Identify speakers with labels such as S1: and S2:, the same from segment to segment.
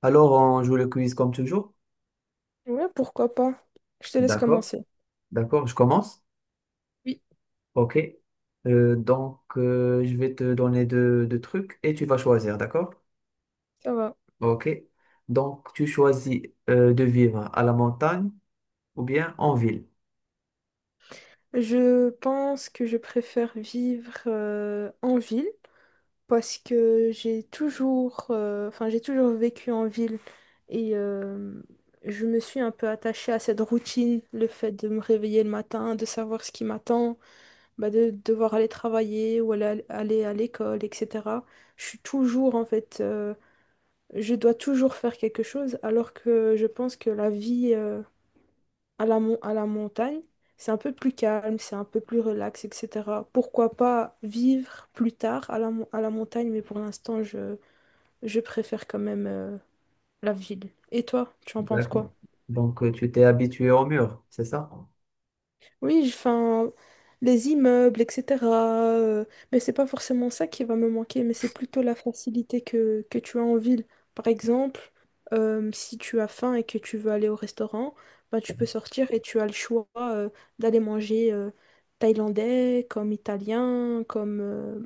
S1: Alors, on joue le quiz comme toujours.
S2: Ouais, pourquoi pas. Je te laisse
S1: D'accord.
S2: commencer.
S1: D'accord, je commence.
S2: Oui.
S1: OK. Je vais te donner deux trucs et tu vas choisir, d'accord?
S2: Ça va.
S1: OK. Donc, tu choisis de vivre à la montagne ou bien en ville.
S2: Je pense que je préfère vivre en ville parce que enfin, j'ai toujours vécu en ville et je me suis un peu attachée à cette routine, le fait de me réveiller le matin, de savoir ce qui m'attend, bah, de devoir aller travailler ou aller à l'école, etc. Je suis toujours, en fait, je dois toujours faire quelque chose alors que je pense que la vie... à la montagne, c'est un peu plus calme, c'est un peu plus relax, etc. Pourquoi pas vivre plus tard à la montagne, mais pour l'instant, je préfère quand même la ville. Et toi, tu en penses
S1: D'accord.
S2: quoi?
S1: Donc, tu t'es habitué au mur, c'est ça?
S2: Oui, enfin, les immeubles, etc. euh, mais c'est pas forcément ça qui va me manquer, mais c'est plutôt la facilité que tu as en ville. Par exemple, si tu as faim et que tu veux aller au restaurant, ben, tu peux sortir et tu as le choix d'aller manger thaïlandais, comme italien, comme, euh,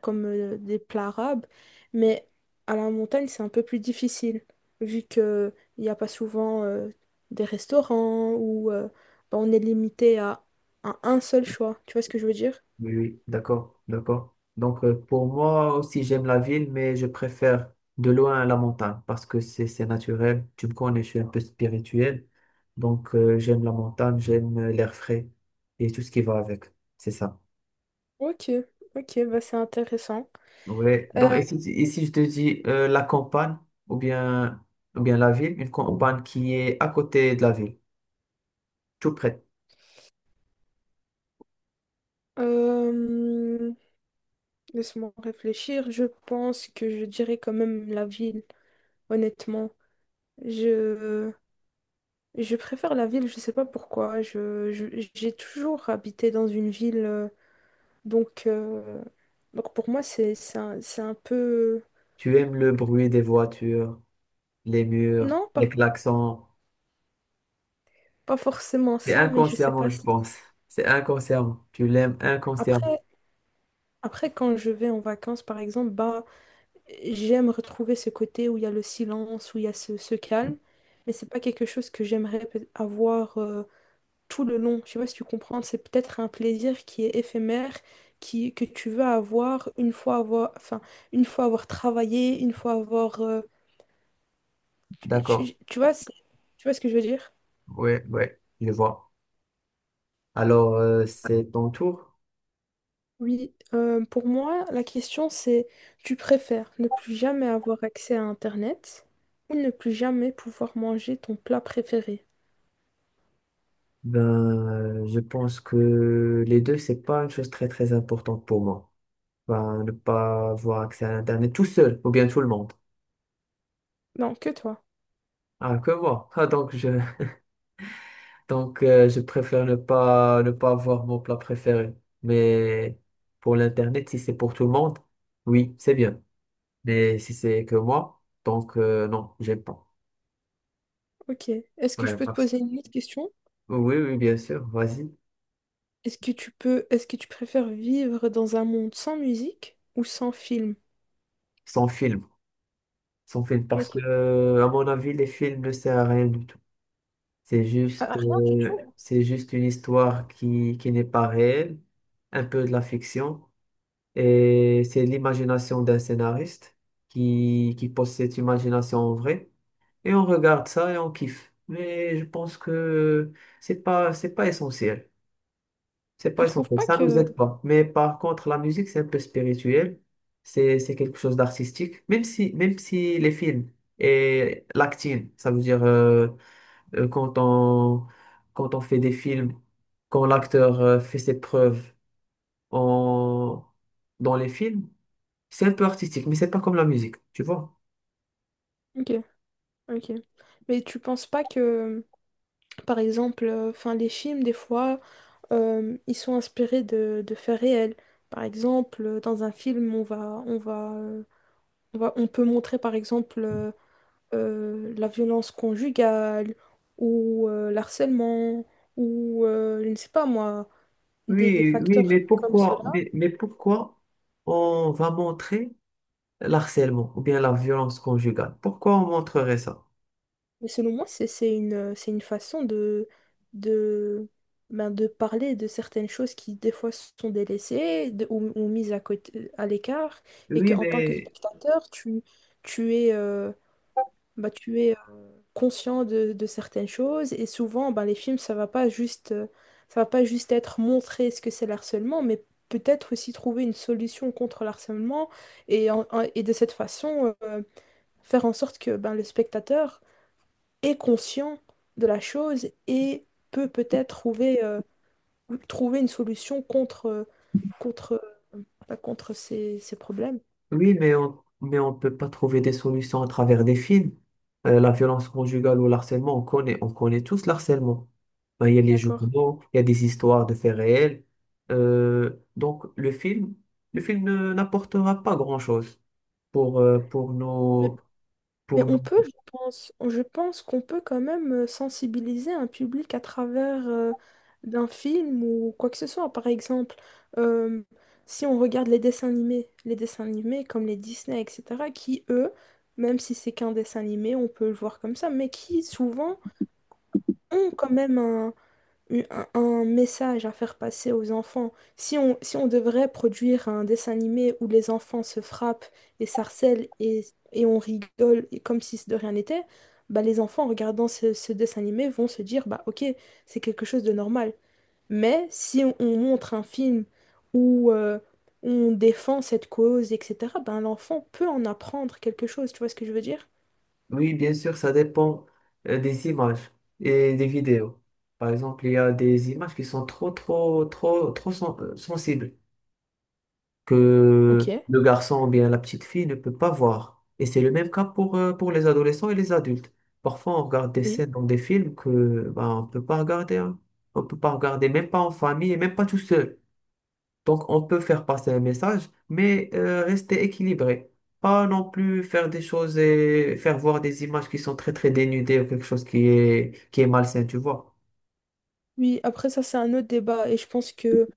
S2: comme euh, des plats arabes. Mais à la montagne, c'est un peu plus difficile, vu qu'il n'y a pas souvent des restaurants bah, on est limité à un seul choix. Tu vois ce que je veux dire?
S1: Oui, oui, d'accord, d'accord. Donc, pour moi aussi, j'aime la ville, mais je préfère de loin la montagne parce que c'est naturel. Tu me connais, je suis un peu spirituel. Donc, j'aime la montagne, j'aime l'air frais et tout ce qui va avec. C'est ça.
S2: Ok, ok, bah c'est intéressant.
S1: Ouais.
S2: Euh,
S1: Donc, et si je te dis la campagne ou bien, ou bien la ville, une campagne qui est à côté de la ville, tout près.
S2: euh, Laisse-moi réfléchir. Je pense que je dirais quand même la ville, honnêtement. Je, je préfère la ville, je sais pas pourquoi. J'ai toujours habité dans une ville, donc, euh, donc pour moi c'est un peu.
S1: Tu aimes le bruit des voitures, les murs,
S2: Non, pas,
S1: les klaxons.
S2: pas forcément
S1: C'est
S2: ça, mais je sais
S1: inconsciemment,
S2: pas
S1: je
S2: si.
S1: pense. C'est inconsciemment. Tu l'aimes inconsciemment.
S2: Après, après, quand je vais en vacances, par exemple, bah, j'aime retrouver ce côté où il y a le silence, où il y a ce calme, mais c'est pas quelque chose que j'aimerais avoir tout le long. Je sais pas si tu comprends, c'est peut-être un plaisir qui est éphémère, que tu veux avoir une fois avoir, enfin, une fois avoir travaillé, une fois avoir,
S1: D'accord.
S2: tu vois, tu vois ce que je veux dire?
S1: Ouais, ouais, je vois. Alors, c'est ton tour.
S2: Oui, pour moi, la question c'est, tu préfères ne plus jamais avoir accès à Internet ou ne plus jamais pouvoir manger ton plat préféré?
S1: Ben, je pense que les deux, c'est pas une chose très, très importante pour moi. Ben, ne pas avoir accès à Internet tout seul, ou bien tout le monde.
S2: Non, que toi.
S1: Ah, que moi. Ah, donc, je, donc, je préfère ne pas avoir mon plat préféré. Mais pour l'Internet, si c'est pour tout le monde, oui, c'est bien. Mais si c'est que moi, donc, non, j'aime pas.
S2: Ok. Est-ce que je
S1: Ouais,
S2: peux te
S1: parce-
S2: poser une petite question?
S1: Oui, oui, bien sûr, vas-y.
S2: Est-ce que tu préfères vivre dans un monde sans musique ou sans film?
S1: Sans film. Sans film. Parce que,
S2: Ok.
S1: à mon avis, les films ne servent à rien du tout.
S2: Ah, rien du tout?
S1: C'est juste une histoire qui n'est pas réelle, un peu de la fiction. Et c'est l'imagination d'un scénariste qui pose cette imagination en vrai. Et on regarde ça et on kiffe. Mais je pense que c'est pas essentiel. C'est
S2: Tu
S1: pas
S2: trouves
S1: essentiel,
S2: pas
S1: ça nous
S2: que.
S1: aide pas. Mais par contre, la musique, c'est un peu spirituel. C'est quelque chose d'artistique. Même si les films et l'acting, ça veut dire quand on, quand on fait des films, quand l'acteur fait ses preuves en, dans les films, c'est un peu artistique, mais c'est pas comme la musique, tu vois?
S2: Ok, ok. Mais tu penses pas que, par exemple, enfin, les films, des fois, ils sont inspirés de faits réels. Par exemple, dans un film, on peut montrer, par exemple, la violence conjugale ou l'harcèlement ou, je ne sais pas moi des
S1: Oui, oui,
S2: facteurs comme cela.
S1: mais pourquoi on va montrer l'harcèlement ou bien la violence conjugale? Pourquoi on montrerait ça?
S2: Mais selon moi, c'est une façon de, de, ben, de parler de certaines choses qui, des fois, sont délaissées ou mises à côté, à l'écart, et
S1: Oui,
S2: qu'en tant que
S1: mais,
S2: spectateur, tu es, euh, ben, tu es conscient de certaines choses. Et souvent, ben, les films, ça va pas juste, ça va pas juste être montrer ce que c'est le harcèlement, mais peut-être aussi trouver une solution contre le harcèlement. Et de cette façon, faire en sorte que ben, le spectateur est conscient de la chose et peut peut-être trouver une solution contre, contre, pas contre ces problèmes.
S1: oui, mais on peut pas trouver des solutions à travers des films. La violence conjugale ou l'harcèlement, on connaît tous l'harcèlement. Ben, il y a les
S2: D'accord.
S1: journaux, il y a des histoires de faits réels. Donc, le film ne- n'apportera pas grand-chose pour, euh, pour
S2: Mais,
S1: nos,
S2: mais
S1: pour
S2: on
S1: nos...
S2: peut, je pense qu'on peut quand même sensibiliser un public à travers d'un film ou quoi que ce soit. Par exemple, euh, si on regarde les dessins animés comme les Disney, etc., qui, eux, même si c'est qu'un dessin animé, on peut le voir comme ça, mais qui souvent ont quand même un message à faire passer aux enfants. Si on devrait produire un dessin animé où les enfants se frappent et s'harcèlent et on rigole et comme si de rien n'était, bah les enfants en regardant ce dessin animé vont se dire bah ok, c'est quelque chose de normal. Mais si on montre un film où on défend cette cause, etc., ben l'enfant peut en apprendre quelque chose, tu vois ce que je veux dire?
S1: Oui, bien sûr, ça dépend des images et des vidéos. Par exemple, il y a des images qui sont trop sensibles,
S2: Ok,
S1: que le garçon ou bien la petite fille ne peut pas voir. Et c'est le même cas pour les adolescents et les adultes. Parfois, on regarde des
S2: oui.
S1: scènes dans des films que ben, on peut pas regarder, hein. On peut pas regarder, même pas en famille et même pas tout seul. Donc, on peut faire passer un message, mais rester équilibré. Pas non plus faire des choses et faire voir des images qui sont très très dénudées ou quelque chose qui est malsain, tu vois.
S2: Oui, après ça c'est un autre débat et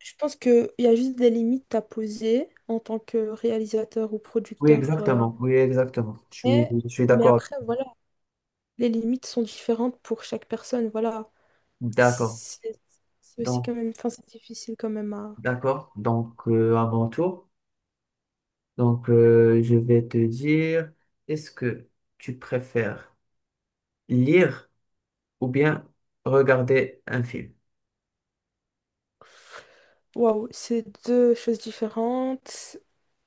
S2: je pense qu'il y a juste des limites à poser en tant que réalisateur ou
S1: Oui,
S2: producteur,
S1: exactement. Oui, exactement.
S2: mais,
S1: Je suis d'accord.
S2: après, voilà, les limites sont différentes pour chaque personne. Voilà,
S1: D'accord.
S2: c'est c'est aussi
S1: Donc,
S2: quand même, enfin, c'est difficile quand même à.
S1: D'accord, donc à mon tour, donc je vais te dire, est-ce que tu préfères lire ou bien regarder un film?
S2: Waouh, c'est deux choses différentes.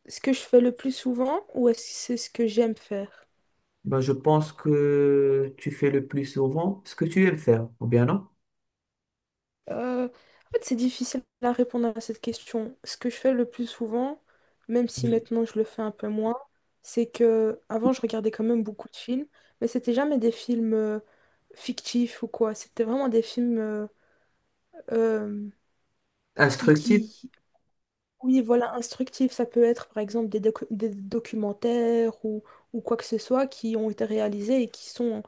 S2: Ce que je fais le plus souvent ou est-ce que c'est ce que j'aime faire?
S1: Ben, je pense que tu fais le plus souvent ce que tu aimes faire, ou bien non?
S2: En fait, c'est difficile à répondre à cette question. Ce que je fais le plus souvent, même si maintenant je le fais un peu moins, c'est que avant je regardais quand même beaucoup de films, mais c'était jamais des films fictifs ou quoi. C'était vraiment des films euh, qui,
S1: Instructif,
S2: qui, oui, voilà, instructifs. Ça peut être par exemple des documentaires ou quoi que ce soit qui ont été réalisés et qui sont,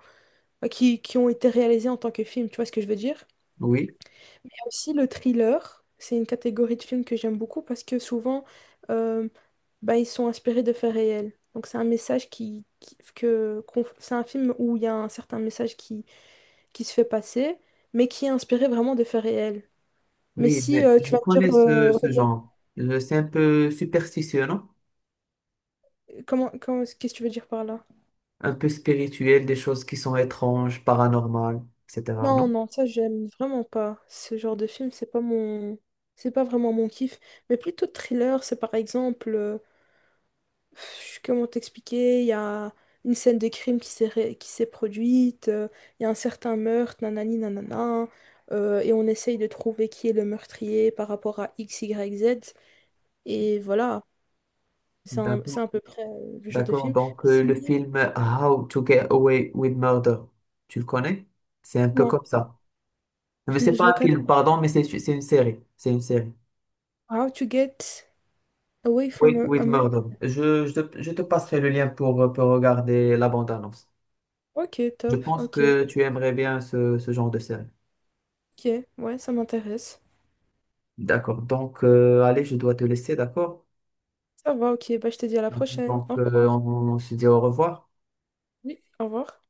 S2: bah, qui ont été réalisés en tant que film. Tu vois ce que je veux dire?
S1: oui,
S2: Aussi, le thriller, c'est une catégorie de films que j'aime beaucoup parce que souvent, euh, bah, ils sont inspirés de faits réels. Donc, c'est un message c'est un film où il y a un certain message qui se fait passer, mais qui est inspiré vraiment de faits réels. Mais
S1: oui,
S2: si
S1: mais
S2: tu
S1: je
S2: vas me dire,
S1: connais ce, ce
S2: regarde,
S1: genre. C'est un peu superstitieux, non?
S2: qu'est-ce que tu veux dire par là?
S1: Un peu spirituel, des choses qui sont étranges, paranormales, etc.,
S2: Non,
S1: non?
S2: non, ça, j'aime vraiment pas. Ce genre de film, c'est pas vraiment mon kiff. Mais plutôt thriller, c'est par exemple, comment t'expliquer? Il y a une scène de crime qui s'est produite, il y a un certain meurtre, nanani nanana, et on essaye de trouver qui est le meurtrier par rapport à X, Y, Z, et voilà, c'est
S1: D'accord.
S2: à peu près le genre de
S1: D'accord,
S2: film.
S1: donc le
S2: Sinon,
S1: film How to Get Away with Murder, tu le connais? C'est un peu
S2: non,
S1: comme ça. Mais c'est
S2: je
S1: pas
S2: le
S1: un
S2: connais.
S1: film, pardon, mais c'est une série. C'est une série.
S2: How to get away from
S1: Oui,
S2: a,
S1: with
S2: a murder.
S1: Murder. Je te passerai le lien pour regarder la bande-annonce.
S2: Ok,
S1: Je
S2: top,
S1: pense
S2: ok,
S1: que tu aimerais bien ce genre de série.
S2: ok, ouais, ça m'intéresse.
S1: D'accord, donc allez, je dois te laisser, d'accord?
S2: Ça va, ok, bah je te dis à la prochaine,
S1: Donc
S2: au revoir.
S1: on se dit au revoir.
S2: Oui, au revoir.